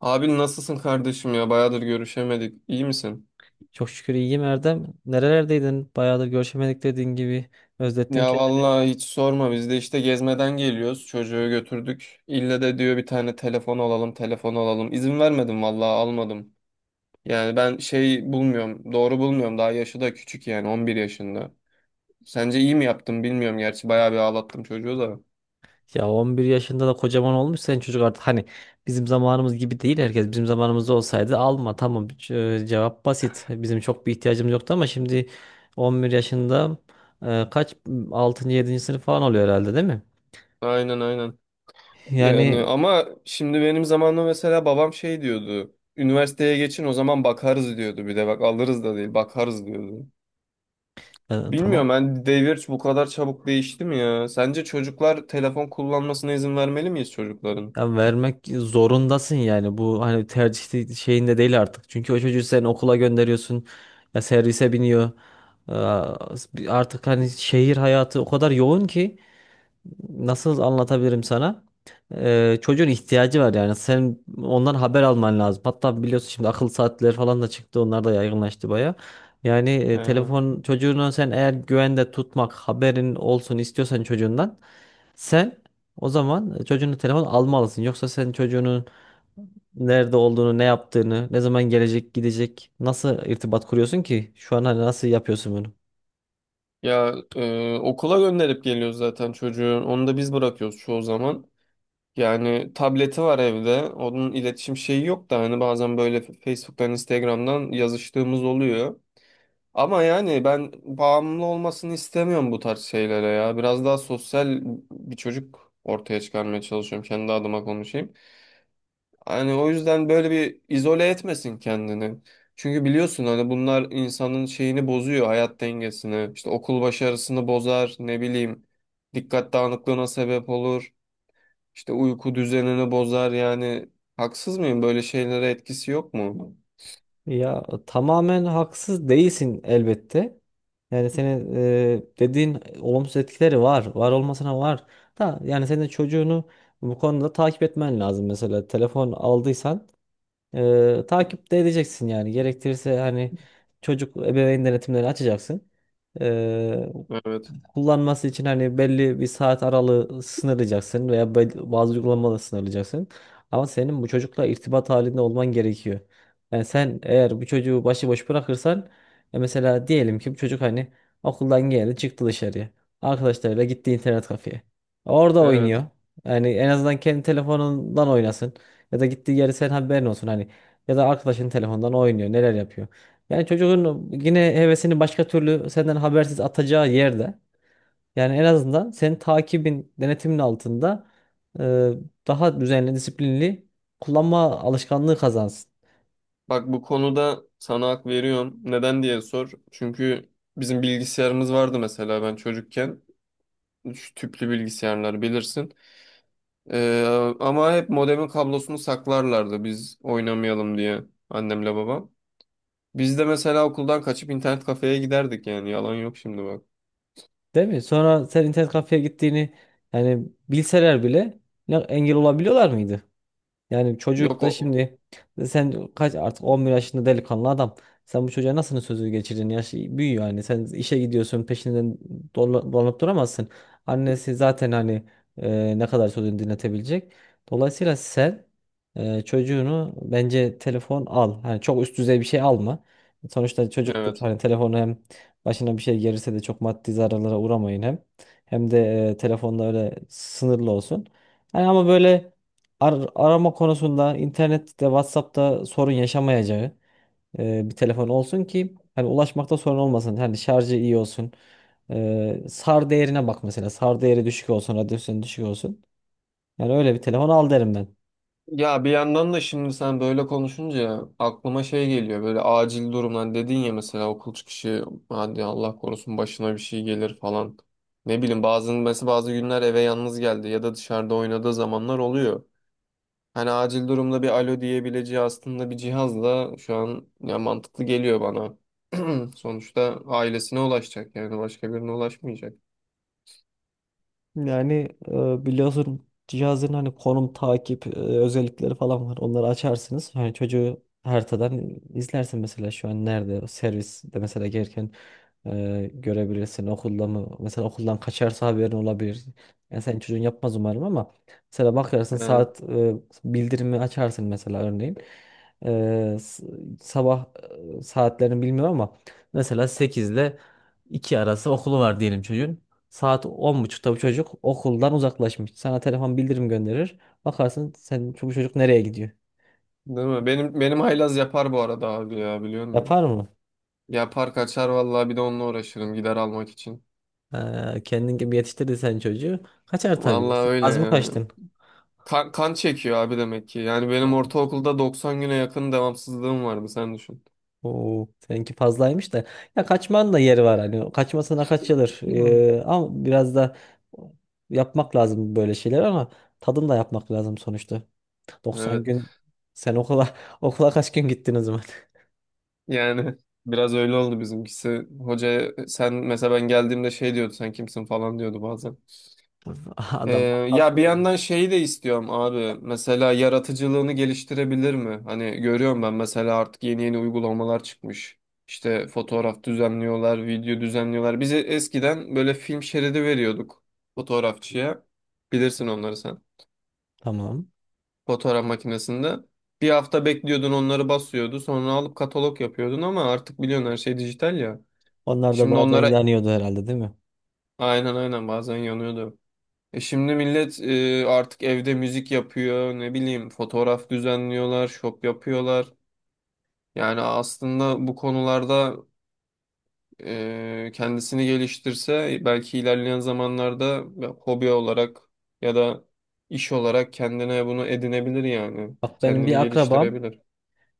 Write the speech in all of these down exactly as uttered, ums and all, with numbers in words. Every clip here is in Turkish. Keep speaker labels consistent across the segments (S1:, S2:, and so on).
S1: Abi nasılsın kardeşim ya? Bayağıdır görüşemedik. İyi misin?
S2: Çok şükür iyiyim Erdem. Nerelerdeydin? Bayağıdır görüşemedik dediğin gibi. Özlettin
S1: Ya
S2: kendini.
S1: vallahi hiç sorma. Biz de işte gezmeden geliyoruz. Çocuğu götürdük. İlle de diyor bir tane telefon alalım, telefon alalım. İzin vermedim vallahi almadım. Yani ben şey bulmuyorum, doğru bulmuyorum. Daha yaşı da küçük yani on bir yaşında. Sence iyi mi yaptım bilmiyorum. Gerçi bayağı bir ağlattım çocuğu da.
S2: Ya on bir yaşında da kocaman olmuş sen çocuk artık. Hani bizim zamanımız gibi değil herkes. Bizim zamanımızda olsaydı alma tamam Ce- cevap basit. Bizim çok bir ihtiyacımız yoktu ama şimdi on bir yaşında e, kaç altıncı yedinci sınıf falan oluyor herhalde değil mi?
S1: Aynen aynen. Yani
S2: Yani
S1: ama şimdi benim zamanımda mesela babam şey diyordu. Üniversiteye geçin o zaman bakarız diyordu. Bir de bak alırız da değil bakarız diyordu.
S2: e, tamam.
S1: Bilmiyorum ben devir bu kadar çabuk değişti mi ya? Sence çocuklar telefon kullanmasına izin vermeli miyiz çocukların?
S2: Ya vermek zorundasın yani bu hani tercih de- şeyinde değil artık. Çünkü o çocuğu sen okula gönderiyorsun ya servise biniyor. Aa. Artık hani şehir hayatı o kadar yoğun ki nasıl anlatabilirim sana? Ee, çocuğun ihtiyacı var yani sen ondan haber alman lazım. Hatta biliyorsun şimdi akıl saatleri falan da çıktı onlar da yaygınlaştı baya. Yani e,
S1: Ee,
S2: telefon çocuğunu sen eğer güvende tutmak haberin olsun istiyorsan çocuğundan sen o zaman çocuğunu telefon almalısın. Yoksa sen çocuğunun nerede olduğunu, ne yaptığını, ne zaman gelecek, gidecek, nasıl irtibat kuruyorsun ki? Şu an hani nasıl yapıyorsun bunu?
S1: ya e, okula gönderip geliyoruz zaten çocuğu. Onu da biz bırakıyoruz çoğu zaman. Yani tableti var evde. Onun iletişim şeyi yok da hani bazen böyle Facebook'tan, Instagram'dan yazıştığımız oluyor. Ama yani ben bağımlı olmasını istemiyorum bu tarz şeylere ya. Biraz daha sosyal bir çocuk ortaya çıkarmaya çalışıyorum. Kendi adıma konuşayım. Hani o yüzden böyle bir izole etmesin kendini. Çünkü biliyorsun hani bunlar insanın şeyini bozuyor, hayat dengesini. İşte okul başarısını bozar, ne bileyim. Dikkat dağınıklığına sebep olur. İşte uyku düzenini bozar yani. Haksız mıyım? Böyle şeylere etkisi yok mu?
S2: Ya tamamen haksız değilsin elbette. Yani senin e, dediğin olumsuz etkileri var. Var olmasına var. Da yani senin çocuğunu bu konuda takip etmen lazım. Mesela telefon aldıysan e, takip de edeceksin yani. Gerektirirse hani çocuk ebeveyn denetimleri açacaksın. E,
S1: Evet,
S2: Kullanması için hani belli bir saat aralığı sınırlayacaksın veya bel- bazı uygulamaları sınırlayacaksın. Ama senin bu çocukla irtibat halinde olman gerekiyor. Yani sen eğer bu çocuğu başıboş bırakırsan e mesela diyelim ki bu çocuk hani okuldan geldi çıktı dışarıya. Arkadaşlarıyla gitti internet kafeye. Orada oynuyor.
S1: evet.
S2: Yani en azından kendi telefonundan oynasın. Ya da gittiği yeri sen haberin olsun hani. Ya da arkadaşın telefondan oynuyor neler yapıyor. Yani çocuğun yine hevesini başka türlü senden habersiz atacağı yerde yani en azından senin takibin, denetimin altında e, daha düzenli, disiplinli kullanma alışkanlığı kazansın.
S1: Bak bu konuda sana hak veriyorum. Neden diye sor. Çünkü bizim bilgisayarımız vardı mesela ben çocukken. Şu tüplü bilgisayarlar bilirsin. Ee, ama hep modemin kablosunu saklarlardı biz oynamayalım diye annemle babam. Biz de mesela okuldan kaçıp internet kafeye giderdik yani yalan yok şimdi bak.
S2: Değil mi? Sonra sen internet kafeye gittiğini yani bilseler bile ne- engel olabiliyorlar mıydı? Yani çocuk
S1: Yok
S2: da
S1: o
S2: şimdi sen kaç artık on bir yaşında delikanlı adam. Sen bu çocuğa nasıl sözü geçirdin? Yaş büyüyor yani. Sen işe gidiyorsun peşinden dola- dolanıp duramazsın. Annesi zaten hani e, ne kadar sözünü dinletebilecek. Dolayısıyla sen e, çocuğunu bence telefon al. Hani çok üst düzey bir şey alma. Sonuçta çocuktur.
S1: evet.
S2: Hani telefonu hem başına bir şey gelirse de çok maddi zararlara uğramayın hem. Hem de e, telefonda öyle sınırlı olsun. Hani ama böyle ar- arama konusunda internette, WhatsApp'ta sorun yaşamayacağı e, bir telefon olsun ki hani ulaşmakta sorun olmasın. Hani şarjı iyi olsun. E, SAR değerine bak mesela. SAR değeri düşük olsun, radyasyon düşük olsun. Yani öyle bir telefon al derim ben.
S1: Ya bir yandan da şimdi sen böyle konuşunca aklıma şey geliyor böyle acil durumdan dedin ya mesela okul çıkışı hadi Allah korusun başına bir şey gelir falan. Ne bileyim bazı mesela bazı günler eve yalnız geldi ya da dışarıda oynadığı zamanlar oluyor. Hani acil durumda bir alo diyebileceği aslında bir cihazla şu an ya mantıklı geliyor bana. Sonuçta ailesine ulaşacak yani başka birine ulaşmayacak.
S2: Yani e, biliyorsun cihazın hani konum takip e, özellikleri falan var. Onları açarsınız. Hani çocuğu haritadan izlersin mesela şu an nerede o servis de mesela gelirken e, görebilirsin. Okulda mı mesela okuldan kaçarsa haberin olabilir. Yani sen çocuğun yapmaz umarım ama mesela bakarsın
S1: He,
S2: saat e, bildirimi açarsın mesela örneğin. E, s- sabah e, saatlerini bilmiyorum ama mesela sekiz ile iki arası okulu var diyelim çocuğun. Saat on buçukta bu çocuk okuldan uzaklaşmış. Sana telefon bildirim gönderir. Bakarsın sen bu çocuk nereye gidiyor?
S1: değil mi? Benim benim haylaz yapar bu arada abi ya biliyor musun?
S2: Yapar mı?
S1: Yapar kaçar vallahi bir de onunla uğraşırım gider almak için.
S2: Ee, kendin gibi yetiştirdin sen çocuğu. Kaçar tabii.
S1: Vallahi
S2: Sen
S1: öyle
S2: az mı
S1: yani.
S2: kaçtın?
S1: Kan, kan çekiyor abi demek ki. Yani benim ortaokulda doksan güne yakın devamsızlığım vardı sen düşün.
S2: Oo, seninki fazlaymış da. Ya kaçmanın da yeri var hani. Kaçmasına kaçılır.
S1: Hı.
S2: Ee, ama biraz da yapmak lazım böyle şeyler ama tadını da yapmak lazım sonuçta. doksan
S1: Evet.
S2: gün sen okula okula kaç gün gittin o zaman?
S1: Yani biraz öyle oldu bizimkisi. Hoca sen mesela ben geldiğimde şey diyordu sen kimsin falan diyordu bazen. Ee,
S2: Adam
S1: ya
S2: haklı
S1: bir
S2: yani.
S1: yandan şeyi de istiyorum abi. Mesela yaratıcılığını geliştirebilir mi? Hani görüyorum ben mesela artık yeni yeni uygulamalar çıkmış. İşte fotoğraf düzenliyorlar, video düzenliyorlar. Bize eskiden böyle film şeridi veriyorduk fotoğrafçıya. Bilirsin onları sen.
S2: Tamam.
S1: Fotoğraf makinesinde. Bir hafta bekliyordun onları basıyordu. Sonra alıp katalog yapıyordun ama artık biliyorsun her şey dijital ya.
S2: Onlar da
S1: Şimdi
S2: bazen
S1: onlara
S2: yanıyordu herhalde değil mi?
S1: aynen aynen bazen yanıyordu. E şimdi millet e, artık evde müzik yapıyor, ne bileyim fotoğraf düzenliyorlar, şop yapıyorlar. Yani aslında bu konularda e, kendisini geliştirse belki ilerleyen zamanlarda hobi olarak ya da iş olarak kendine bunu edinebilir yani.
S2: Bak benim
S1: Kendini
S2: bir akrabam
S1: geliştirebilir.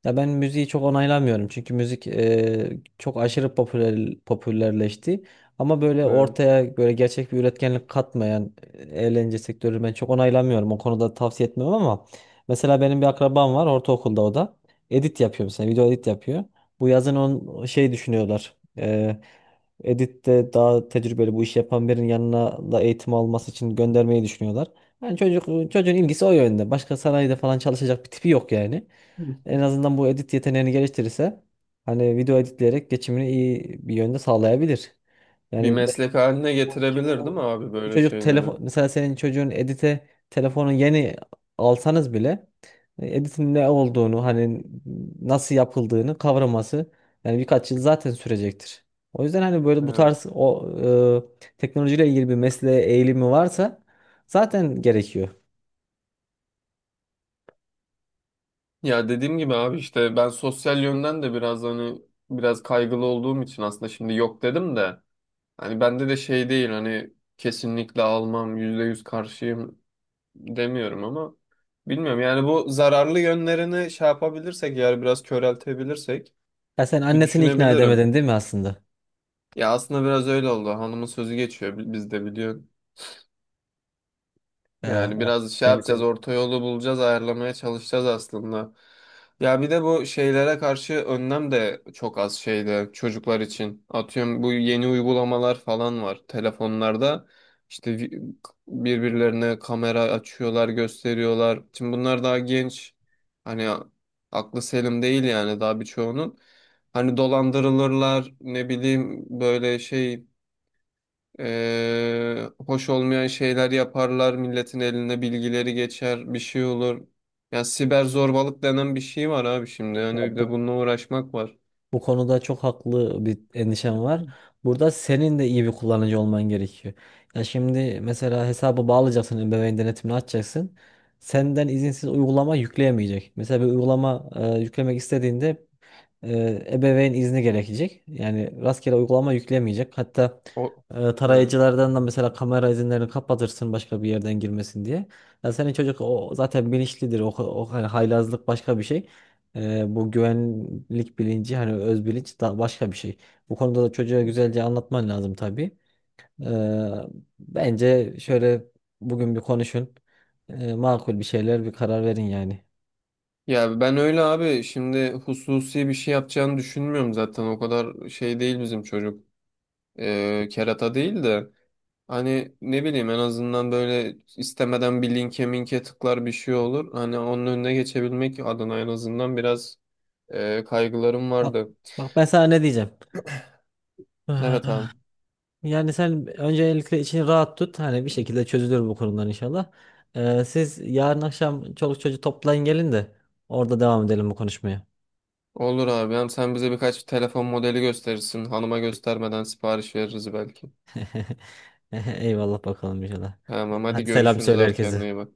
S2: Ya ben müziği çok onaylamıyorum çünkü müzik eee, çok aşırı popüler popülerleşti. Ama böyle
S1: Evet.
S2: ortaya böyle gerçek bir üretkenlik katmayan e, eğlence sektörü ben çok onaylamıyorum. O konuda tavsiye etmiyorum ama mesela benim bir akrabam var ortaokulda o da. Edit yapıyor mesela video edit yapıyor. Bu yazın on şey düşünüyorlar. Eee Edit'te daha tecrübeli bu işi yapan birinin yanına da eğitim alması için göndermeyi düşünüyorlar. Yani çocuk çocuğun ilgisi o yönde. Başka sanayide falan çalışacak bir tipi yok yani. En azından bu edit yeteneğini geliştirirse hani video editleyerek geçimini iyi bir yönde sağlayabilir.
S1: Bir
S2: Yani ben-
S1: meslek haline
S2: bu- şimdi
S1: getirebilir değil mi
S2: bu,
S1: abi
S2: bu
S1: böyle
S2: çocuk
S1: şeyleri?
S2: telefon mesela senin çocuğun edite telefonu yeni alsanız bile e, editin ne olduğunu hani nasıl yapıldığını kavraması yani birkaç yıl zaten sürecektir. O yüzden hani böyle bu
S1: Evet.
S2: tarz o e, teknolojiyle ilgili bir mesleğe eğilimi varsa zaten gerekiyor.
S1: Ya dediğim gibi abi işte ben sosyal yönden de biraz hani biraz kaygılı olduğum için aslında şimdi yok dedim de hani bende de şey değil hani kesinlikle almam yüzde yüz karşıyım demiyorum ama bilmiyorum yani bu zararlı yönlerini şey yapabilirsek yani biraz köreltebilirsek
S2: Ya sen
S1: bir
S2: annesini ikna
S1: düşünebilirim.
S2: edemedin değil mi aslında?
S1: Ya aslında biraz öyle oldu hanımın sözü geçiyor bi- bizde biliyorsun.
S2: Ya,
S1: Yani biraz şey
S2: seni,
S1: yapacağız,
S2: seni.
S1: orta yolu bulacağız, ayarlamaya çalışacağız aslında. Ya bir de bu şeylere karşı önlem de çok az şeyde çocuklar için. Atıyorum bu yeni uygulamalar falan var telefonlarda. İşte vi- birbirlerine kamera açıyorlar, gösteriyorlar. Şimdi bunlar daha genç. Hani aklı selim değil yani daha birçoğunun. Hani dolandırılırlar, ne bileyim böyle şey ee, hoş olmayan şeyler yaparlar, milletin eline bilgileri geçer, bir şey olur. Ya siber zorbalık denen bir şey var abi şimdi.
S2: Ya
S1: Yani bir de
S2: bu
S1: bununla uğraşmak var.
S2: Bu konuda çok haklı bir endişem var. Burada senin de iyi bir kullanıcı olman gerekiyor. Ya şimdi mesela hesabı bağlayacaksın, ebeveyn denetimini açacaksın. Senden izinsiz uygulama yükleyemeyecek. Mesela bir uygulama e, yüklemek istediğinde e, ebeveyn izni gerekecek. Yani rastgele uygulama yüklemeyecek. Hatta
S1: O
S2: e,
S1: hı.
S2: tarayıcılardan da mesela kamera izinlerini kapatırsın başka bir yerden girmesin diye. Ya senin çocuk o zaten bilinçlidir. O, o hani haylazlık başka bir şey. E, bu güvenlik bilinci hani öz bilinç da başka bir şey. Bu konuda da çocuğa güzelce anlatman lazım tabii. Ee, Bence şöyle bugün bir konuşun. Ee, makul bir şeyler bir karar verin yani.
S1: Ya ben öyle abi şimdi hususi bir şey yapacağını düşünmüyorum zaten. O kadar şey değil bizim çocuk. Ee, kerata değil de. Hani ne bileyim en azından böyle istemeden bir linke minke tıklar bir şey olur. Hani onun önüne geçebilmek adına en azından biraz e, kaygılarım
S2: Bak,
S1: vardı.
S2: bak ben sana ne diyeceğim.
S1: Evet abi.
S2: Ah. Yani sen öncelikle içini rahat tut. Hani bir şekilde çözülür bu konular inşallah. Ee, siz yarın akşam çoluk çocuğu toplayın gelin de orada devam edelim bu konuşmaya.
S1: Olur abi. Hem sen bize birkaç telefon modeli gösterirsin. Hanıma göstermeden sipariş veririz belki.
S2: Eyvallah bakalım inşallah.
S1: Tamam hadi
S2: Hadi selam
S1: görüşürüz
S2: söyle
S1: abi kendine
S2: herkese.
S1: iyi bak.